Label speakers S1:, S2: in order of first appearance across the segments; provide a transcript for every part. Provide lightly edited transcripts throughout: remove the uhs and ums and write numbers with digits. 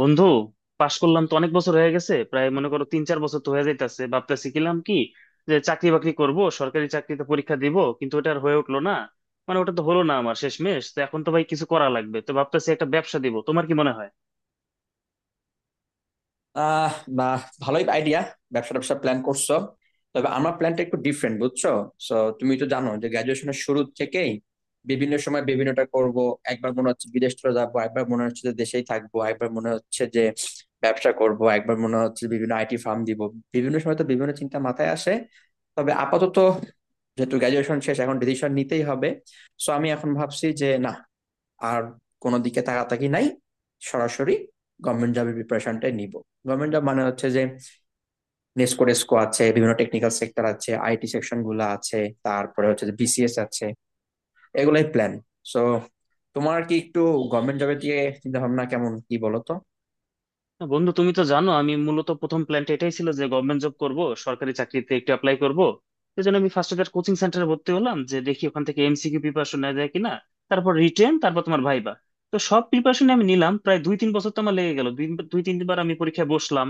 S1: বন্ধু, পাশ করলাম তো অনেক বছর হয়ে গেছে, প্রায় মনে করো 3-4 বছর তো হয়ে যাইতেছে। ভাবতেছি কিলাম কি যে চাকরি বাকরি করব, সরকারি চাকরিতে পরীক্ষা দিব, কিন্তু ওটা আর হয়ে উঠলো না। মানে ওটা তো হলো না আমার। শেষমেশ তো এখন তো ভাই কিছু করা লাগবে, তো ভাবতেছি একটা ব্যবসা দিব, তোমার কি মনে হয়?
S2: আহ বা, ভালোই আইডিয়া। ব্যবসা ট্যাবসা প্ল্যান করছো? তবে আমার প্ল্যানটা একটু ডিফারেন্ট, বুঝছো? সো, তুমি তো জানো যে গ্রাজুয়েশনের শুরু থেকেই বিভিন্ন সময় বিভিন্নটা করব। একবার মনে হচ্ছে বিদেশ চলে যাবো, একবার মনে হচ্ছে যে দেশেই থাকবো, একবার মনে হচ্ছে যে ব্যবসা করব, একবার মনে হচ্ছে বিভিন্ন আইটি ফার্ম দিব। বিভিন্ন সময় তো বিভিন্ন চিন্তা মাথায় আসে। তবে আপাতত, যেহেতু গ্রাজুয়েশন শেষ, এখন ডিসিশন নিতেই হবে। সো আমি এখন ভাবছি যে না, আর কোনো দিকে তাকাতাকি নাই, সরাসরি গভর্নমেন্ট জবের প্রিপারেশনটাই নিব। গভর্নমেন্ট জব মানে হচ্ছে যে নেসকো টেসকো আছে, বিভিন্ন টেকনিক্যাল সেক্টর আছে, আইটি সেকশন গুলো আছে, তারপরে হচ্ছে যে বিসিএস আছে। এগুলাই প্ল্যান। সো তোমার কি একটু গভর্নমেন্ট জবের দিকে চিন্তা ভাবনা কেমন, কি বলো তো?
S1: না, বন্ধু, তুমি তো জানো আমি মূলত প্রথম প্ল্যানটা এটাই ছিল যে গভর্নমেন্ট জব করব, সরকারি চাকরিতে একটু অ্যাপ্লাই করব। সেই জন্য আমি ফার্স্ট ইয়ার কোচিং সেন্টারে ভর্তি হলাম যে দেখি ওখান থেকে এমসিকিউ প্রিপারেশন নেওয়া যায় কিনা, তারপর রিটেন, তারপর তোমার ভাইবা। তো সব প্রিপারেশন আমি নিলাম, প্রায় 2-3 বছর তো আমার লেগে গেল। দুই দুই তিনবার আমি পরীক্ষায় বসলাম।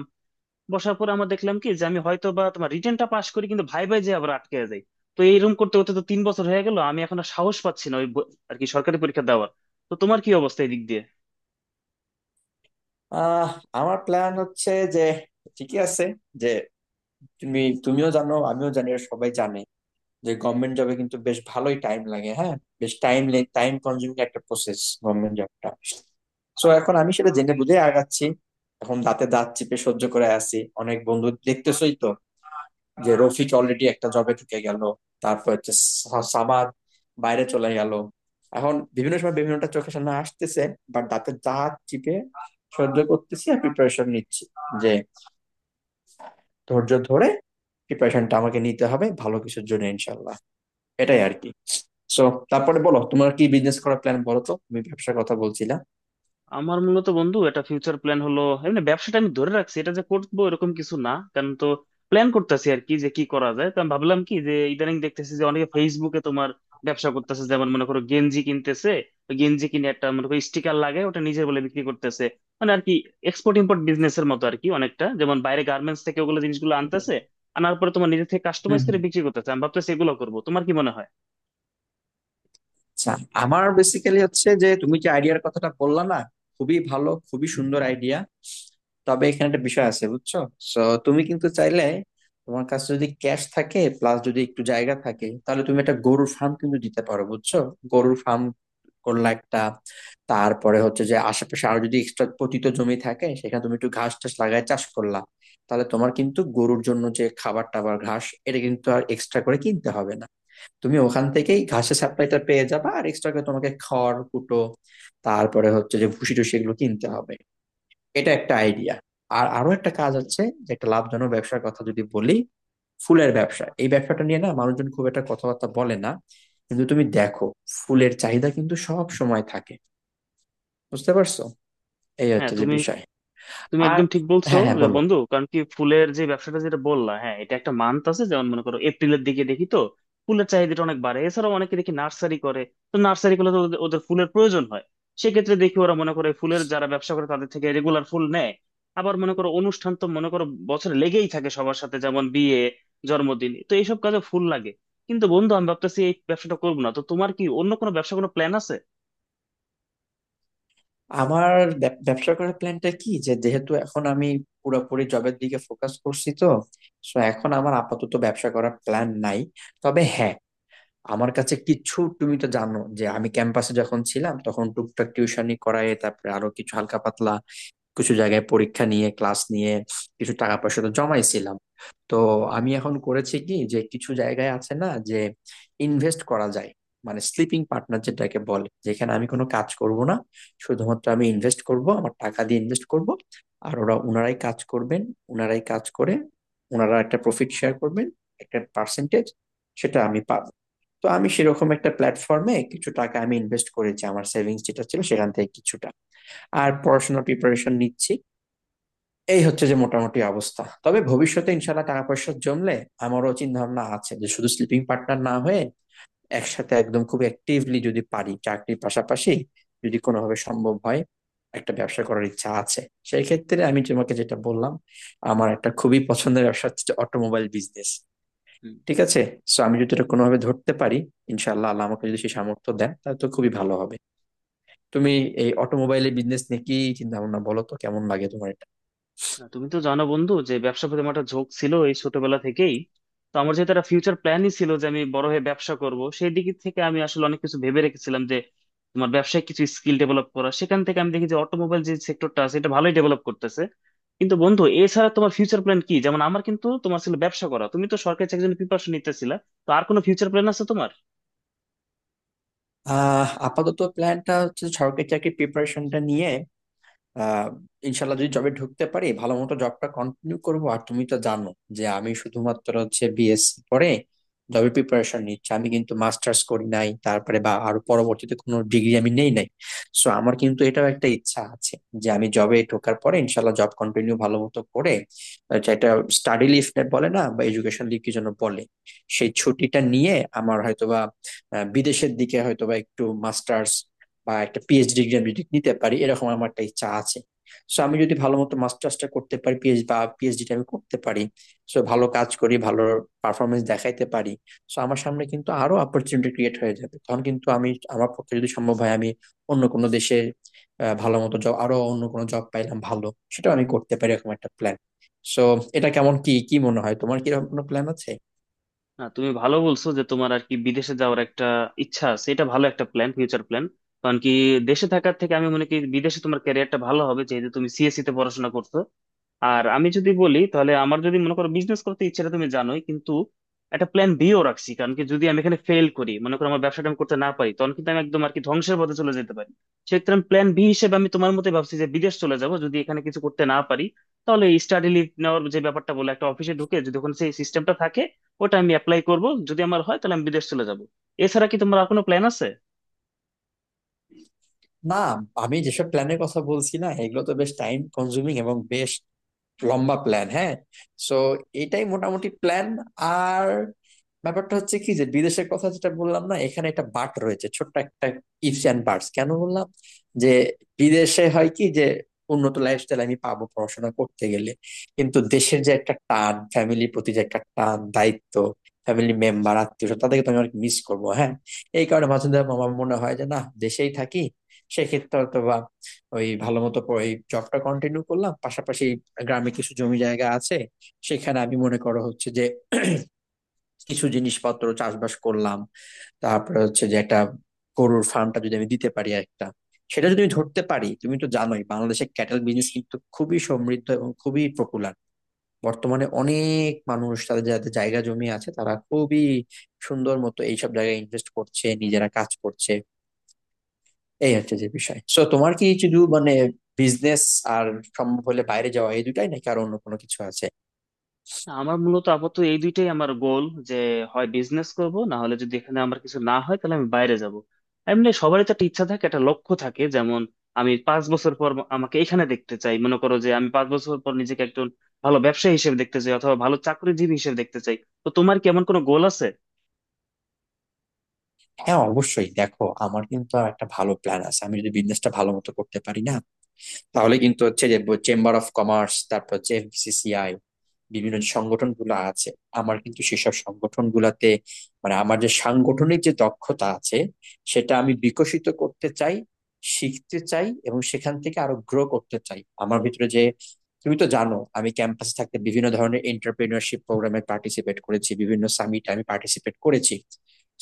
S1: বসার পর আমার দেখলাম কি যে আমি হয়তো বা তোমার রিটেনটা পাশ করি, কিন্তু ভাইবাই যে আবার আটকে যাই। তো এইরকম করতে করতে তো 3 বছর হয়ে গেল, আমি এখন আর সাহস পাচ্ছি না ওই আর কি সরকারি পরীক্ষা দেওয়ার। তো তোমার কি অবস্থা এই দিক দিয়ে?
S2: আহ আমার প্ল্যান হচ্ছে যে ঠিকই আছে যে, তুমিও জানো, আমিও জানি, আর সবাই জানে যে গভর্নমেন্ট জবে কিন্তু বেশ ভালোই টাইম লাগে। হ্যাঁ, বেশ টাইম, টাইম কনজিউমিং একটা প্রসেস গভর্নমেন্ট জবটা। সো এখন আমি সেটা জেনে বুঝে আগাচ্ছি। এখন দাঁতে দাঁত চিপে সহ্য করে আছি। অনেক বন্ধু দেখতেছই তো, যে রফিক অলরেডি একটা জবে ঢুকে গেল, তারপর হচ্ছে সামাদ বাইরে চলে গেল। এখন বিভিন্ন সময় বিভিন্নটা চোখের সামনে আসতেছে, বাট দাঁতে দাঁত চিপে সহ্য করতেছি আর প্রিপারেশন নিচ্ছি যে ধৈর্য ধরে প্রিপারেশনটা আমাকে নিতে হবে ভালো কিছুর জন্য, ইনশাল্লাহ। এটাই আর কি। সো তারপরে বলো, তোমার কি বিজনেস করার প্ল্যান? বলো তো, তুমি ব্যবসার কথা বলছিলা।
S1: আমার মূলত বন্ধু এটা ফিউচার প্ল্যান, হলো এমনি ব্যবসাটা আমি ধরে রাখছি, এটা যে করবো এরকম কিছু না। কারণ তো প্ল্যান করতেছি আর কি যে কি করা যায়। তো আমি ভাবলাম কি যে ইদানিং দেখতেছি যে অনেকে ফেসবুকে তোমার ব্যবসা করতেছে, যেমন মনে করো গেঞ্জি কিনতেছে, ওই গেঞ্জি কিনে একটা মনে করো স্টিকার লাগে ওটা নিজের বলে বিক্রি করতেছে। মানে আর কি এক্সপোর্ট ইম্পোর্ট বিজনেস এর মতো আর কি অনেকটা, যেমন বাইরে গার্মেন্টস থেকে ওগুলো জিনিসগুলো আনতেছে, আনার পরে তোমার নিজে থেকে কাস্টমাইজ
S2: হম
S1: করে বিক্রি করতেছে। আমি ভাবতেছি এগুলো করবো, তোমার কি মনে হয়?
S2: আচ্ছা, আমার বেসিক্যালি হচ্ছে যে তুমি যে আইডিয়ার কথাটা বললা না, খুবই ভালো, খুবই সুন্দর আইডিয়া। তবে এখানে একটা বিষয় আছে, বুঝছো? সো তুমি কিন্তু চাইলে, তোমার কাছে যদি ক্যাশ থাকে প্লাস যদি একটু জায়গা থাকে, তাহলে তুমি একটা গরুর ফার্ম কিন্তু দিতে পারো, বুঝছো? গরুর ফার্ম করলা একটা, তারপরে হচ্ছে যে আশেপাশে আরো যদি এক্সট্রা পতিত জমি থাকে, সেখানে তুমি একটু ঘাস টাস লাগায় চাষ করলা, তাহলে তোমার কিন্তু গরুর জন্য যে খাবার টাবার, ঘাস, এটা কিন্তু আর এক্সট্রা করে কিনতে হবে না। তুমি ওখান থেকেই ঘাসের সাপ্লাইটা পেয়ে যাবে, আর এক্সট্রা করে তোমাকে খড় কুটো, তারপরে হচ্ছে যে ভুসি টুসি এগুলো কিনতে হবে। এটা একটা আইডিয়া। আর আরো একটা কাজ আছে, যে একটা লাভজনক ব্যবসার কথা যদি বলি, ফুলের ব্যবসা। এই ব্যবসাটা নিয়ে না মানুষজন খুব একটা কথাবার্তা বলে না, কিন্তু তুমি দেখো, ফুলের চাহিদা কিন্তু সব সময় থাকে। বুঝতে পারছো? এই
S1: হ্যাঁ,
S2: হচ্ছে যে
S1: তুমি
S2: বিষয়।
S1: তুমি
S2: আর
S1: একদম ঠিক বলছো
S2: হ্যাঁ, হ্যাঁ
S1: যে,
S2: বলো।
S1: বন্ধু, কারণ কি ফুলের যে ব্যবসাটা যেটা বললা, হ্যাঁ, এটা একটা মান্থ আছে, যেমন মনে করো এপ্রিলের দিকে দেখি তো ফুলের চাহিদাটা অনেক বাড়ে। এছাড়াও অনেকে দেখি নার্সারি করে, তো নার্সারি করলে তো ওদের ওদের ফুলের প্রয়োজন হয়। সেক্ষেত্রে দেখি ওরা মনে করে ফুলের যারা ব্যবসা করে তাদের থেকে রেগুলার ফুল নেয়। আবার মনে করো অনুষ্ঠান তো মনে করো বছরে লেগেই থাকে সবার সাথে, যেমন বিয়ে, জন্মদিন, তো এইসব কাজে ফুল লাগে। কিন্তু বন্ধু, আমি ভাবতেছি এই ব্যবসাটা করবো না। তো তোমার কি অন্য কোনো ব্যবসা কোনো প্ল্যান আছে?
S2: আমার ব্যবসা করার প্ল্যানটা কি, যে যেহেতু এখন আমি পুরোপুরি জবের দিকে ফোকাস করছি, তো সো এখন আমার আপাতত ব্যবসা করার প্ল্যান নাই। তবে হ্যাঁ, আমার কাছে কিছু, তুমি তো জানো যে আমি ক্যাম্পাসে যখন ছিলাম তখন টুকটাক টিউশনি করায়, তারপরে আরো কিছু হালকা পাতলা কিছু জায়গায় পরীক্ষা নিয়ে, ক্লাস নিয়ে কিছু টাকা পয়সা তো জমাইছিলাম। তো আমি এখন করেছি কি যে কিছু জায়গায় আছে না যে ইনভেস্ট করা যায়, মানে স্লিপিং পার্টনার যেটাকে বলে, যেখানে আমি কোনো কাজ করব না, শুধুমাত্র আমি ইনভেস্ট করব, আমার টাকা দিয়ে ইনভেস্ট করব, আর ওরা, ওনারাই কাজ করবেন, ওনারাই কাজ করে ওনারা একটা প্রফিট শেয়ার করবেন, একটা পার্সেন্টেজ সেটা আমি পাবো। তো আমি সেরকম একটা প্ল্যাটফর্মে কিছু টাকা আমি ইনভেস্ট করেছি, আমার সেভিংস যেটা ছিল সেখান থেকে কিছুটা, আর পড়াশোনার প্রিপারেশন নিচ্ছি। এই হচ্ছে যে মোটামুটি অবস্থা। তবে ভবিষ্যতে ইনশাল্লাহ টাকা পয়সা জমলে, আমারও চিন্তা ভাবনা আছে যে শুধু স্লিপিং পার্টনার না হয়ে, একসাথে একদম খুব অ্যাক্টিভলি যদি পারি চাকরির পাশাপাশি, যদি কোনোভাবে সম্ভব হয়, একটা ব্যবসা করার ইচ্ছা আছে। সেই ক্ষেত্রে আমি তোমাকে যেটা বললাম, আমার একটা খুবই পছন্দের ব্যবসা হচ্ছে অটোমোবাইল বিজনেস, ঠিক আছে? সো আমি যদি এটা কোনোভাবে ধরতে পারি, ইনশাল্লাহ, আল্লাহ আমাকে যদি সেই সামর্থ্য দেন, তাহলে তো খুবই ভালো হবে। তুমি এই অটোমোবাইলের বিজনেস নিয়ে কি চিন্তা ভাবনা বলো তো, কেমন লাগে তোমার এটা?
S1: না, তুমি তো জানো বন্ধু যে ব্যবসার প্রতি আমার একটা ঝোঁক ছিল এই ছোটবেলা থেকেই। তো আমার যেহেতু একটা ফিউচার প্ল্যানই ছিল যে আমি বড় হয়ে ব্যবসা করব, সেই দিক থেকে আমি আসলে অনেক কিছু ভেবে রেখেছিলাম যে তোমার ব্যবসায় কিছু স্কিল ডেভেলপ করা। সেখান থেকে আমি দেখি যে অটোমোবাইল যে সেক্টরটা আছে এটা ভালোই ডেভেলপ করতেছে। কিন্তু বন্ধু, এছাড়া তোমার ফিউচার প্ল্যান কি? যেমন আমার কিন্তু তোমার ছিল ব্যবসা করা, তুমি তো সরকারি চাকরির জন্য প্রিপারেশন নিতেছিলা। তো আর কোনো ফিউচার প্ল্যান আছে তোমার?
S2: আপাতত প্ল্যানটা হচ্ছে সরকারি চাকরির প্রিপারেশনটা নিয়ে। আহ ইনশাল্লাহ যদি জবে ঢুকতে পারি, ভালো মতো জবটা কন্টিনিউ করবো। আর তুমি তো জানো যে আমি শুধুমাত্র হচ্ছে বিএসসি পরে জবে প্রিপারেশন নিচ্ছি, আমি কিন্তু মাস্টার্স করি নাই, তারপরে বা আরো পরবর্তীতে কোনো ডিগ্রি আমি নেই নাই। সো আমার কিন্তু এটাও একটা ইচ্ছা আছে যে আমি জবে ঢোকার পরে ইনশাল্লাহ জব কন্টিনিউ ভালো মতো করে, যেটা স্টাডি লিভ বলে না, বা এডুকেশন লিভ কি যেন বলে, সেই ছুটিটা নিয়ে আমার হয়তোবা, বিদেশের দিকে হয়তোবা একটু মাস্টার্স বা একটা পিএইচডি ডিগ্রি আমি যদি নিতে পারি, এরকম আমার একটা ইচ্ছা আছে। সো আমি যদি ভালো মতো মাস্টার্সটা করতে পারি, বা পিএইচডিটা আমি করতে পারি, সো ভালো কাজ করি, ভালো পারফরমেন্স দেখাইতে পারি, সো আমার সামনে কিন্তু আরো অপরচুনিটি ক্রিয়েট হয়ে যাবে। তখন কিন্তু আমি, আমার পক্ষে যদি সম্ভব হয়, আমি অন্য কোনো দেশে, ভালো মতো জব, আরো অন্য কোনো জব পাইলাম ভালো, সেটাও আমি করতে পারি, এরকম একটা প্ল্যান। সো এটা কেমন, কি কি মনে হয় তোমার? কি এরকম কোনো প্ল্যান আছে?
S1: না, তুমি ভালো বলছো যে তোমার আর কি বিদেশে যাওয়ার একটা ইচ্ছা আছে, এটা ভালো একটা প্ল্যান, ফিউচার প্ল্যান। কারণ কি দেশে থাকার থেকে আমি মনে করি বিদেশে তোমার ক্যারিয়ারটা ভালো হবে যেহেতু তুমি সিএসসি তে পড়াশোনা করছো। আর আমি যদি বলি তাহলে আমার যদি মনে করো বিজনেস করতে ইচ্ছাটা তুমি জানোই, কিন্তু একটা প্ল্যান বিও রাখছি কারণ কি যদি আমি এখানে ফেল করি, মনে করো আমার ব্যবসাটা আমি করতে না পারি, তখন কিন্তু আমি একদম আর কি ধ্বংসের পথে চলে যেতে পারি। সেক্ষেত্রে আমি প্ল্যান বি হিসেবে আমি তোমার মতে ভাবছি যে বিদেশ চলে যাব, যদি এখানে কিছু করতে না পারি। তাহলে স্টাডি লিভ নেওয়ার যে ব্যাপারটা বলে একটা অফিসে ঢুকে যদি ওখানে সেই সিস্টেমটা থাকে, ওটা আমি অ্যাপ্লাই করব। যদি আমার হয় তাহলে আমি বিদেশ চলে যাব। এছাড়া কি তোমার আর কোনো প্ল্যান আছে?
S2: না, আমি যেসব প্ল্যানের কথা বলছি না, এগুলো তো বেশ টাইম কনজিউমিং এবং বেশ লম্বা প্ল্যান। হ্যাঁ, সো এটাই মোটামুটি প্ল্যান। আর ব্যাপারটা হচ্ছে কি, যে বিদেশের কথা যেটা বললাম না, এখানে একটা বাট রয়েছে, ছোট্ট একটা ইফস অ্যান্ড বাটস কেন বললাম, যে বিদেশে হয় কি যে উন্নত লাইফস্টাইল আমি পাবো পড়াশোনা করতে গেলে, কিন্তু দেশের যে একটা টান, ফ্যামিলির প্রতি যে একটা টান, দায়িত্ব, ফ্যামিলি মেম্বার আত্মীয় স্বজন তাদেরকে তো আমি অনেক মিস করবো। হ্যাঁ, এই কারণে মাঝে মাঝে আমার মনে হয় যে না, দেশেই থাকি। সেক্ষেত্রে হয়তো ওই ভালো মতো এই জবটা কন্টিনিউ করলাম, পাশাপাশি গ্রামে কিছু জমি জায়গা আছে, সেখানে আমি মনে করো হচ্ছে যে কিছু জিনিসপত্র চাষবাস করলাম, তারপরে হচ্ছে যে একটা গরুর ফার্মটা যদি আমি দিতে পারি একটা, সেটা যদি আমি ধরতে পারি। তুমি তো জানোই বাংলাদেশের ক্যাটেল বিজনেস কিন্তু খুবই সমৃদ্ধ এবং খুবই পপুলার। বর্তমানে অনেক মানুষ, তাদের যাদের জায়গা জমি আছে, তারা খুবই সুন্দর মতো এইসব জায়গায় ইনভেস্ট করছে, নিজেরা কাজ করছে। এই হচ্ছে যে বিষয়। সো তোমার কি শুধু মানে বিজনেস আর সম্ভব হলে বাইরে যাওয়া, এই দুটাই নাকি আর অন্য কোনো কিছু আছে?
S1: আমার মূলত আপাতত এই দুইটাই আমার গোল, যে হয় বিজনেস করব, না হলে যদি এখানে আমার কিছু না হয় তাহলে আমি বাইরে যাব। এমনি সবারই তো একটা ইচ্ছা থাকে, একটা লক্ষ্য থাকে, যেমন আমি 5 বছর পর আমাকে এখানে দেখতে চাই, মনে করো যে আমি 5 বছর পর নিজেকে একজন ভালো ব্যবসায়ী হিসেবে দেখতে চাই অথবা ভালো চাকরিজীবী হিসেবে দেখতে চাই। তো তোমার কি এমন কোনো গোল আছে?
S2: হ্যাঁ, অবশ্যই। দেখো, আমার কিন্তু আর একটা ভালো প্ল্যান আছে। আমি যদি বিজনেসটা ভালো মতো করতে পারি না, তাহলে কিন্তু হচ্ছে যে চেম্বার অফ কমার্স, তারপর হচ্ছে এফবিসিসিআই, বিভিন্ন যে সংগঠন গুলো আছে, আমার কিন্তু সেসব সংগঠন গুলাতে, মানে আমার যে সাংগঠনিক যে দক্ষতা আছে সেটা আমি বিকশিত করতে চাই, শিখতে চাই, এবং সেখান থেকে আরো গ্রো করতে চাই। আমার ভিতরে যে, তুমি তো জানো, আমি ক্যাম্পাসে থাকতে বিভিন্ন ধরনের এন্টারপ্রেনিয়রশিপ প্রোগ্রামে পার্টিসিপেট করেছি, বিভিন্ন সামিটে আমি পার্টিসিপেট করেছি।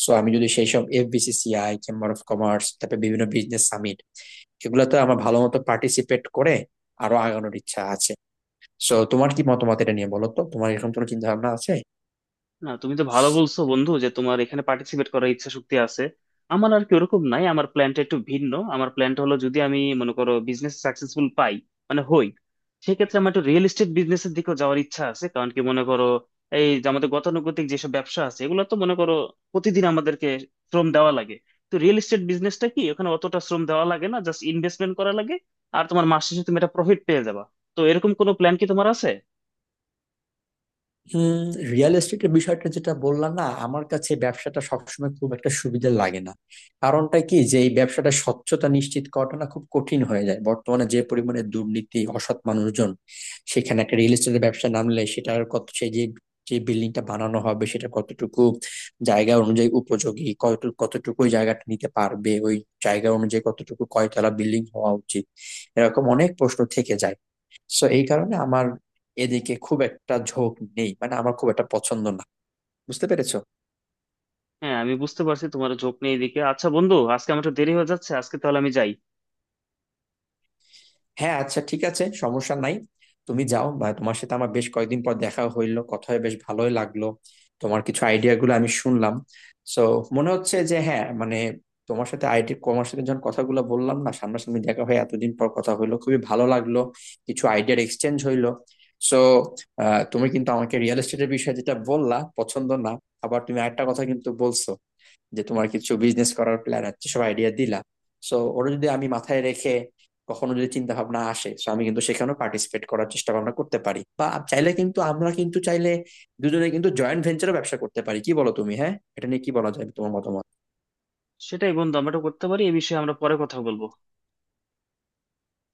S2: সো আমি যদি সেই সব এফবিসিসিআই, চেম্বার অফ কমার্স, তারপরে বিভিন্ন বিজনেস সামিট, এগুলাতে আমার ভালো মতো পার্টিসিপেট করে আরো আগানোর ইচ্ছা আছে। সো তোমার কি মতামত এটা নিয়ে, বলো তো? তোমার এরকম কোনো চিন্তা ভাবনা আছে?
S1: না, তুমি তো ভালো বলছো বন্ধু যে তোমার এখানে পার্টিসিপেট করার ইচ্ছা শক্তি আছে। আমার আর কি ওরকম নাই, আমার প্ল্যানটা একটু ভিন্ন। আমার প্ল্যানটা হলো যদি আমি মনে করো বিজনেস সাকসেসফুল পাই, মানে হই, সেক্ষেত্রে আমার একটু রিয়েল এস্টেট বিজনেসের দিকেও যাওয়ার ইচ্ছা আছে। কারণ কি, মনে করো এই যে আমাদের গতানুগতিক যেসব ব্যবসা আছে এগুলো তো মনে করো প্রতিদিন আমাদেরকে শ্রম দেওয়া লাগে। তো রিয়েল এস্টেট বিজনেসটা কি ওখানে অতটা শ্রম দেওয়া লাগে না, জাস্ট ইনভেস্টমেন্ট করা লাগে। আর তোমার মাস শেষে তুমি একটা প্রফিট পেয়ে যাবা। তো এরকম কোনো প্ল্যান কি তোমার আছে?
S2: উম রিয়েল এস্টেটের বিষয়টা যেটা বললাম না, আমার কাছে ব্যবসাটা সবসময় খুব একটা সুবিধা লাগে না। কারণটা কি, যে এই ব্যবসাটা স্বচ্ছতা নিশ্চিত করাটা না খুব কঠিন হয়ে যায়, বর্তমানে যে পরিমাণে দুর্নীতি অসৎ মানুষজন। সেখানে একটা রিয়েল এস্টেটের ব্যবসা নামলে সেটার কত সে যে, যে বিল্ডিংটা বানানো হবে সেটা কতটুকু জায়গা অনুযায়ী উপযোগী, কত কতটুকু ওই জায়গাটা নিতে পারবে, ওই জায়গা অনুযায়ী কতটুকু কয়তলা বিল্ডিং হওয়া উচিত, এরকম অনেক প্রশ্ন থেকে যায়। সো এই কারণে আমার এদিকে খুব একটা ঝোঁক নেই, মানে আমার খুব একটা পছন্দ না। বুঝতে পেরেছো?
S1: হ্যাঁ, আমি বুঝতে পারছি তোমার ঝোঁক নেই এদিকে। আচ্ছা বন্ধু, আজকে আমার একটু দেরি হয়ে যাচ্ছে, আজকে তাহলে আমি যাই।
S2: হ্যাঁ, আচ্ছা, ঠিক আছে, সমস্যা নাই। তুমি যাও, বা তোমার সাথে আমার বেশ কয়েকদিন পর দেখা হইলো, কথা হয়ে বেশ ভালোই লাগলো। তোমার কিছু আইডিয়া গুলো আমি শুনলাম। সো মনে হচ্ছে যে হ্যাঁ, মানে তোমার সাথে আইটি, তোমার সাথে যখন কথাগুলো বললাম না, সামনাসামনি দেখা হয়ে এতদিন পর কথা হইলো, খুবই ভালো লাগলো। কিছু আইডিয়ার এক্সচেঞ্জ হইলো। সো তুমি কিন্তু আমাকে রিয়েল এস্টেটের বিষয়ে যেটা বললা পছন্দ না, আবার তুমি আরেকটা কথা কিন্তু বলছো, যে তোমার কিছু বিজনেস করার প্ল্যান আছে, সব আইডিয়া দিলা। সো ওরা যদি আমি মাথায় রেখে কখনো যদি চিন্তা ভাবনা আসে, তো আমি কিন্তু সেখানেও পার্টিসিপেট করার চেষ্টা ভাবনা করতে পারি, বা চাইলে, কিন্তু আমরা কিন্তু চাইলে দুজনে কিন্তু জয়েন্ট ভেঞ্চারও ব্যবসা করতে পারি। কি বলো তুমি? হ্যাঁ, এটা নিয়ে কি বলা যায়, তোমার মতামত?
S1: সেটাই বন্ধু, আমরা এটা করতে পারি, এই বিষয়ে আমরা পরে কথা বলবো।